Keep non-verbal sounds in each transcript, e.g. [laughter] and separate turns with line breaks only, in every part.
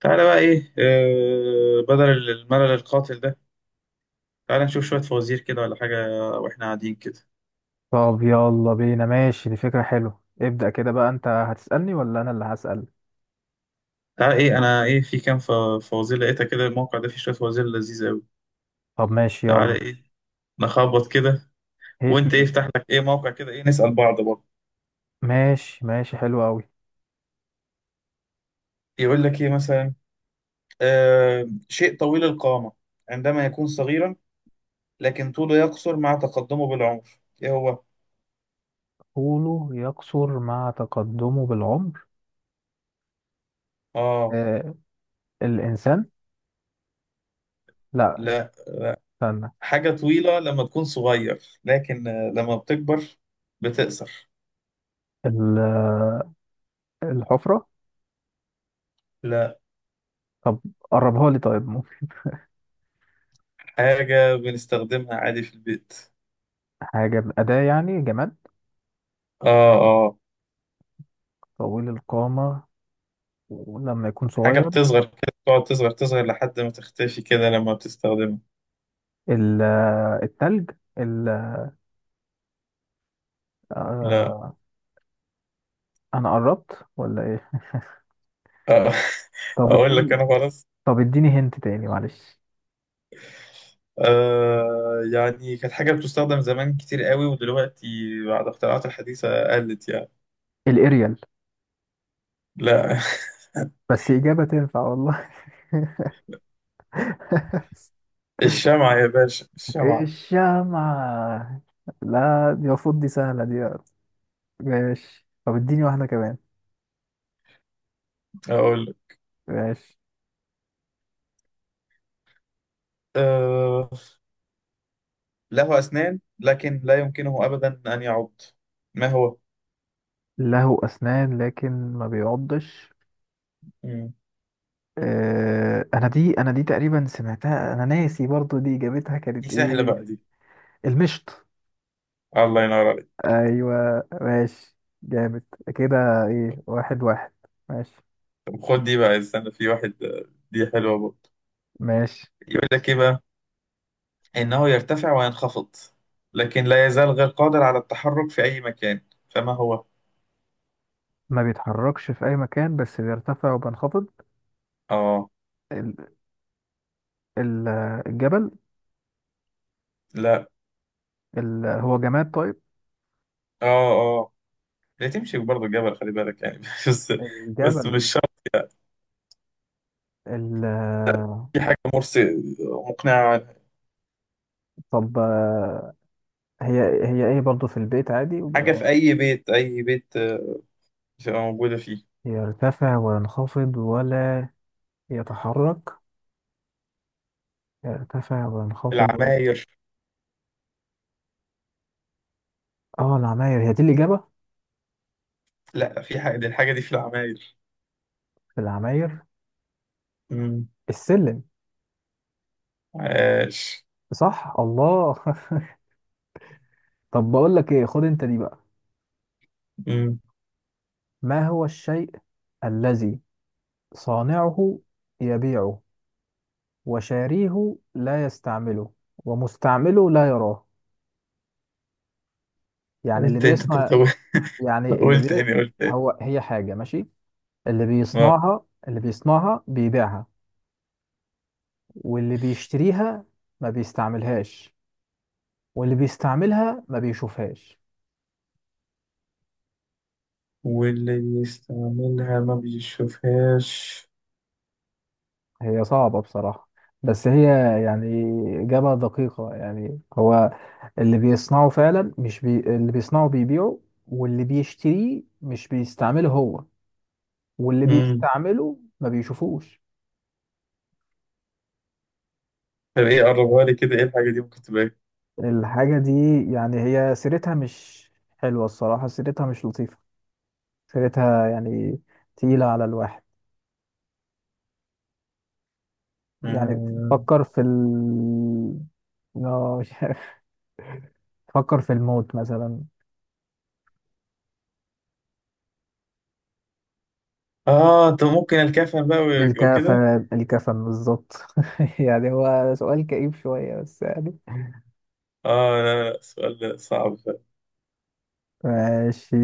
تعالى بقى ايه بدل الملل القاتل ده. تعالى نشوف شوية فوازير كده ولا حاجة واحنا قاعدين كده.
طب يلا بينا، ماشي، دي فكرة حلوة. ابدأ كده بقى، انت هتسألني ولا انا اللي هسأل؟
تعالى ايه، انا ايه، في كام فوازير لقيتها كده. الموقع ده فيه شوية فوازير لذيذة قوي.
طب ماشي
تعالى
يلا.
ايه، نخبط كده.
هيت
وانت ايه،
مي.
افتح لك ايه موقع كده، ايه، نسأل بعض برضه.
ماشي، ماشي، حلو قوي.
يقول لك ايه مثلا؟ شيء طويل القامة عندما يكون صغيرا، لكن طوله يقصر مع تقدمه بالعمر. ايه هو؟
طوله يقصر مع تقدمه بالعمر.
اه،
آه. الإنسان. لا.
لا.
استنى.
حاجة طويلة لما تكون صغير، لكن لما بتكبر بتقصر.
ال- الحفرة.
لا.
طب قربها لي، طيب؟ ممكن.
حاجة بنستخدمها عادي في البيت.
حاجة أداة يعني جماد.
اه اه.
طويل القامة ولما يكون
حاجة
صغير.
بتصغر كده، تقعد تصغر تصغر لحد ما تختفي كده لما بتستخدمها.
ال- التلج. ال-
لا.
آه أنا قربت ولا إيه؟
آه. [laughs]
طب
أقول لك
اديني
أنا خلاص.
طب اديني هنت تاني، معلش.
آه، يعني كانت حاجة بتستخدم زمان كتير قوي، ودلوقتي بعد اختراعات الحديثة قلت يعني.
الاريال.
لا. [laughs]
بس إجابة تنفع والله.
الشمعة يا باشا،
[laughs]
الشمعة.
الشمعة. لا، دي المفروض دي سهلة دي. ماشي. طب اديني واحدة كمان.
أقول لك،
ماشي.
آه، له أسنان لكن لا يمكنه أبدا أن يعض. ما هو؟
له أسنان لكن ما بيعضش.
مم.
آه، أنا دي تقريبا سمعتها، أنا ناسي برضو دي إجابتها
دي
كانت
سهلة
إيه.
بقى دي.
المشط.
الله ينور.
أيوة ماشي. جامد كده. إيه، واحد واحد. ماشي،
طب خد دي بقى، استنى، في واحد دي حلوة برضه.
ماشي.
يقول لك إيه بقى؟ إنه يرتفع وينخفض، لكن لا يزال غير قادر على التحرك في أي مكان. فما هو؟
ما بيتحركش في أي مكان، بس بيرتفع وبينخفض.
آه.
ال- ال- الجبل.
لا.
هو جماد، طيب؟
آه. آه، لا تمشي برضه الجبل، خلي بالك يعني [laughs] بس. بس
الجبل.
مش شرط.
ال...
في حاجة مرسي مقنعة عنها.
طب، آه، هي هي ايه برضو، في البيت عادي
حاجة في أي بيت، أي بيت، بتبقى موجودة فيه.
يرتفع وينخفض ولا يتحرك، يرتفع وينخفض ولا.
العماير.
اه، العماير هي دي الإجابة؟
لا، في حاجة، دي الحاجة دي في العماير.
العماير.
مم.
السلم.
عاش.
صح، الله. [laughs] طب بقول لك ايه، خد انت دي بقى.
مم.
ما هو الشيء الذي صانعه يبيعه، وشاريه لا يستعمله، ومستعمله لا يراه؟ يعني اللي
قلت أنت
بيصنع، يعني
[laughs]
اللي
قلت
بي...
تاني، قلت تاني.
هي حاجة ماشي، اللي بيصنعها بيبيعها، واللي بيشتريها ما بيستعملهاش، واللي بيستعملها ما بيشوفهاش.
واللي بيستعملها ما بيشوفهاش.
هي صعبة بصراحة، بس هي يعني إجابة دقيقة. يعني هو اللي بيصنعه فعلا، مش بي... اللي بيصنعه بيبيعه، واللي بيشتريه مش بيستعمله هو، واللي
امم
بيستعمله ما بيشوفوش.
طب ايه، قربها لي كده، ايه الحاجة دي ممكن تبقى ايه.
الحاجة دي، يعني هي سيرتها مش حلوة. الصراحة سيرتها مش لطيفة. فكرتها يعني تقيلة على الواحد، يعني
اه.
تفكر في ال آه، [laughs] مش عارف. تفكر في الموت مثلا.
آه، طب ممكن الكفن بقى وكده.
الكفن، الكفن بالظبط. [laughs] يعني هو سؤال كئيب شوية بس يعني.
اه لا لا، سؤال صعب ده.
ماشي.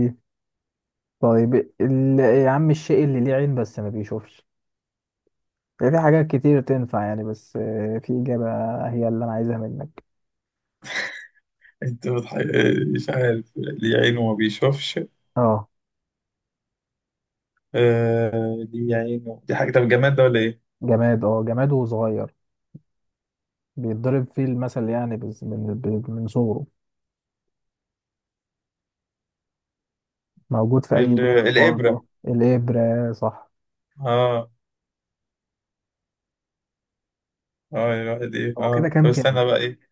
طيب. يا عم، الشيء اللي ليه عين بس ما بيشوفش. يعني في حاجات كتير تنفع، يعني بس في إجابة هي اللي أنا عايزها منك.
انت بتح... مش عارف ليه عينه ما بيشوفش.
اه
آه، ليه عينه، دي حاجة، طب جماد ده ولا ايه؟
جماد، اه جماد وصغير، بيتضرب فيه المثل يعني. بس من صغره. موجود في أي ديت
الإبرة.
برضه. الإبرة صح؟
اه اه، الواحد ايه،
هو كده
اه، طب
كام كام؟
استنى بقى ايه.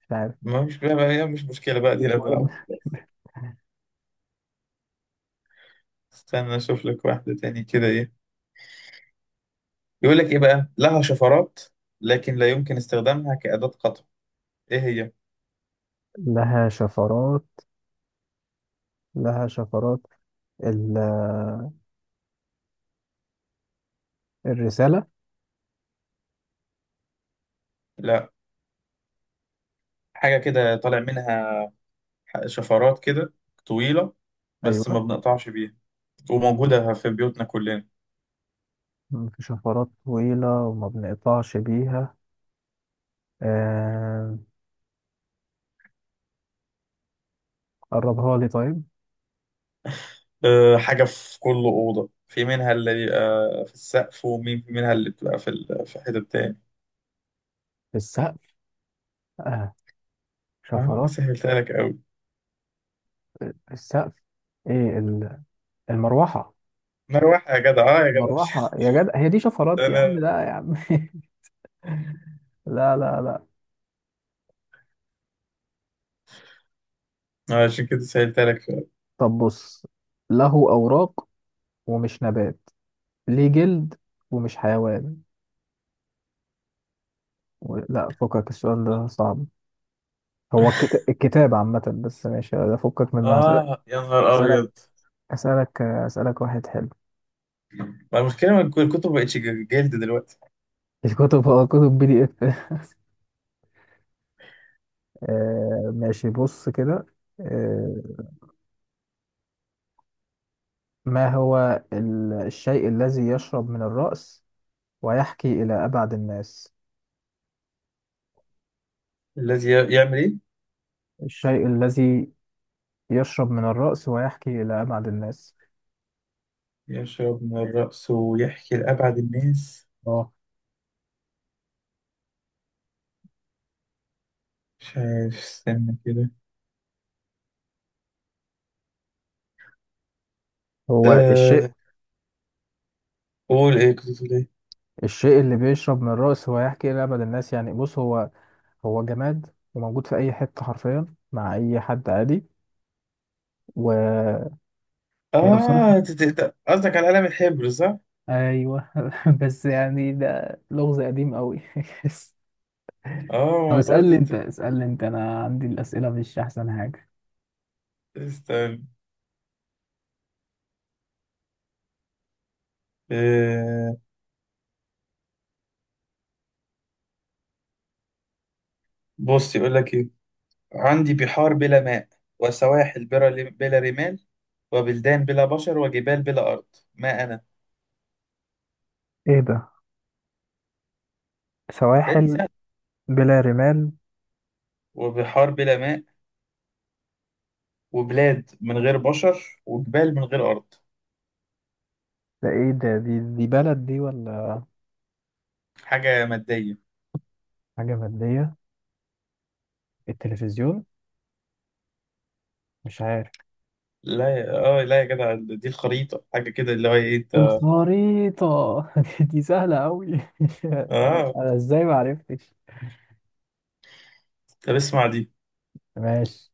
مش عارف.
ما مش بقى، هي مش مشكلة بقى دي، انا
مش مهم.
بنلعب. استنى اشوف لك واحدة تاني كده. ايه يقول لك ايه بقى، لها شفرات لكن لا يمكن استخدامها كأداة قطع. ايه هي؟
لها شفرات. لها شفرات ال... الرسالة.
لا. حاجة كده طالع منها شفرات كده طويلة، بس ما
أيوة،
بنقطعش بيها، وموجودة في بيوتنا كلنا.
في شفرات طويلة وما بنقطعش بيها. آه... قربها لي طيب.
أه حاجة في كل أوضة، في منها اللي بيبقى في السقف، ومين في منها اللي بتبقى في في حتة تاني.
السقف. آه.
أنا
شفرات،
سهلتها لك أوي.
السقف. إيه، المروحة.
مروحة يا جدع، أه يا جدع.
المروحة يا جدع، هي دي شفرات يا عم؟
[laughs]
لا يا عم. [laughs] لا، لا، لا.
أنا عشان كده سهلتها لك فعلا.
طب بص، له أوراق ومش نبات، ليه جلد ومش حيوان. لا، فكك السؤال ده صعب. هو الكتاب عامة. بس ماشي ده، فكك منها،
آه يا نهار
أسألك
أبيض.
أسألك واحد حلو.
ما المشكلة إن الكتب مبقتش جلد دلوقتي.
الكتب هو كتب PDF. آه ماشي، بص كده. آه. ما هو الشيء الذي يشرب من الرأس ويحكي إلى أبعد الناس.
الذي يعمل إيه؟
الشيء الذي يشرب من الرأس ويحكي إلى أبعد الناس.
يشرب من الرأس ويحكي لأبعد الناس.
اه.
مش عارف، استنى كده.
هو الشيء
أه، قول إيه، كنت بتقول إيه؟
الشيء اللي بيشرب من الرأس ويحكي إلى أبعد الناس يعني. بص، هو جماد وموجود في اي حته حرفيا، مع اي حد عادي. وهي بصراحه.
آه، قصدك على قلم الحبر، صح؟
ايوه. [laughs] بس يعني ده لغز قديم قوي. [laughs] طب،
آه برضه
اسالني
أنت.
انت اسالني انت انا عندي الاسئله مش احسن حاجه.
استنى، أه، بص يقول لك إيه. عندي بحار بلا ماء، وسواحل بلا رمال، وبلدان بلا بشر، وجبال بلا أرض. ما أنا؟
ايه ده؟
لا، دي
سواحل
سهلة.
بلا رمال.
وبحار بلا ماء، وبلاد من غير بشر، وجبال من غير أرض.
ده ايه ده؟ دي بلد دي ولا
حاجة مادية.
حاجه ماديه؟ التلفزيون. مش عارف.
لا يا، اه لا يا جدع، دي الخريطة، حاجة كده اللي هو ايه انت.
الخريطه. [laughs] دي سهله قوي. [laughs]
اه.
انا ازاي ما عرفتش؟
طب اسمع دي.
ماشي.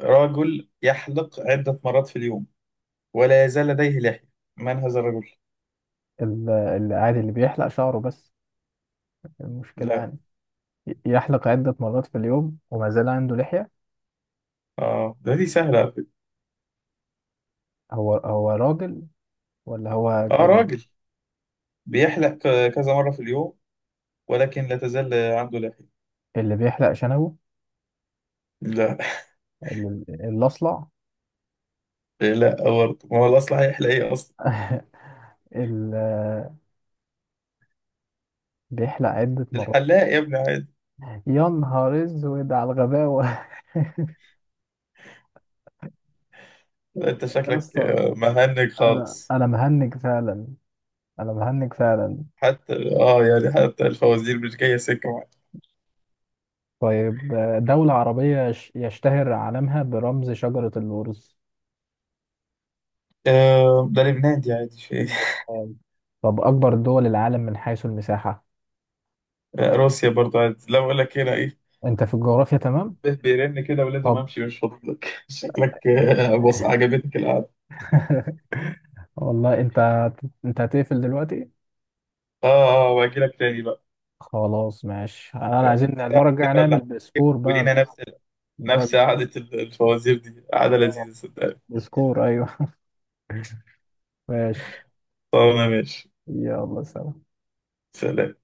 رجل يحلق عدة مرات في اليوم ولا يزال لديه لحية. من هذا الرجل؟
العادي اللي بيحلق شعره بس. المشكلة
لا.
يعني، يحلق عدة مرات في اليوم وما زال عنده لحية.
اه ده دي سهلة على فكرة.
هو راجل ولا هو
اه،
جمال؟
راجل بيحلق كذا مرة في اليوم، ولكن لا تزال عنده لحية.
اللي بيحلق شنبه.
لا.
الأصلع.
[laughs] لا برضه، ما هو الأصل هيحلق ايه أصلا؟
[laughs] اللي بيحلق عدة مرات.
الحلاق يا ابني، عادي.
يا نهار أسود على الغباوة. [laughs]
لا، انت
يا
شكلك،
اسطى،
آه، مهنج
أنا
خالص.
أنا مهنج فعلا. أنا مهنج فعلا.
حتى، اه، يعني حتى الفوازير مش جاية سكة معاك.
طيب، دولة عربية يشتهر علمها برمز شجرة اللورز.
آه، ده لبنان دي عادي، في.
طب أكبر دول العالم من حيث المساحة.
روسيا برضو، عايز لو اقول لك هنا ايه.
أنت في الجغرافيا تمام؟
به بيرن كده، ولازم
طب.
امشي، مش فاضل لك. [laughs] شكلك، آه، بص عجبتك القعده.
[laughs] والله انت هتقفل دلوقتي.
اه اه، واجي لك تاني بقى.
خلاص ماشي، انا
آه،
عايزين
ساعة
المره
كده
الجايه
ولا
نعمل
حاجة.
بسكور بقى.
ولينا نفس،
المرة
نفس
الجايه.
قعده الفوازير دي، قعده
اه.
لذيذه صدقني.
بسكور. ايوه. [laughs] ماشي.
طب انا ماشي،
يلا سلام.
سلام.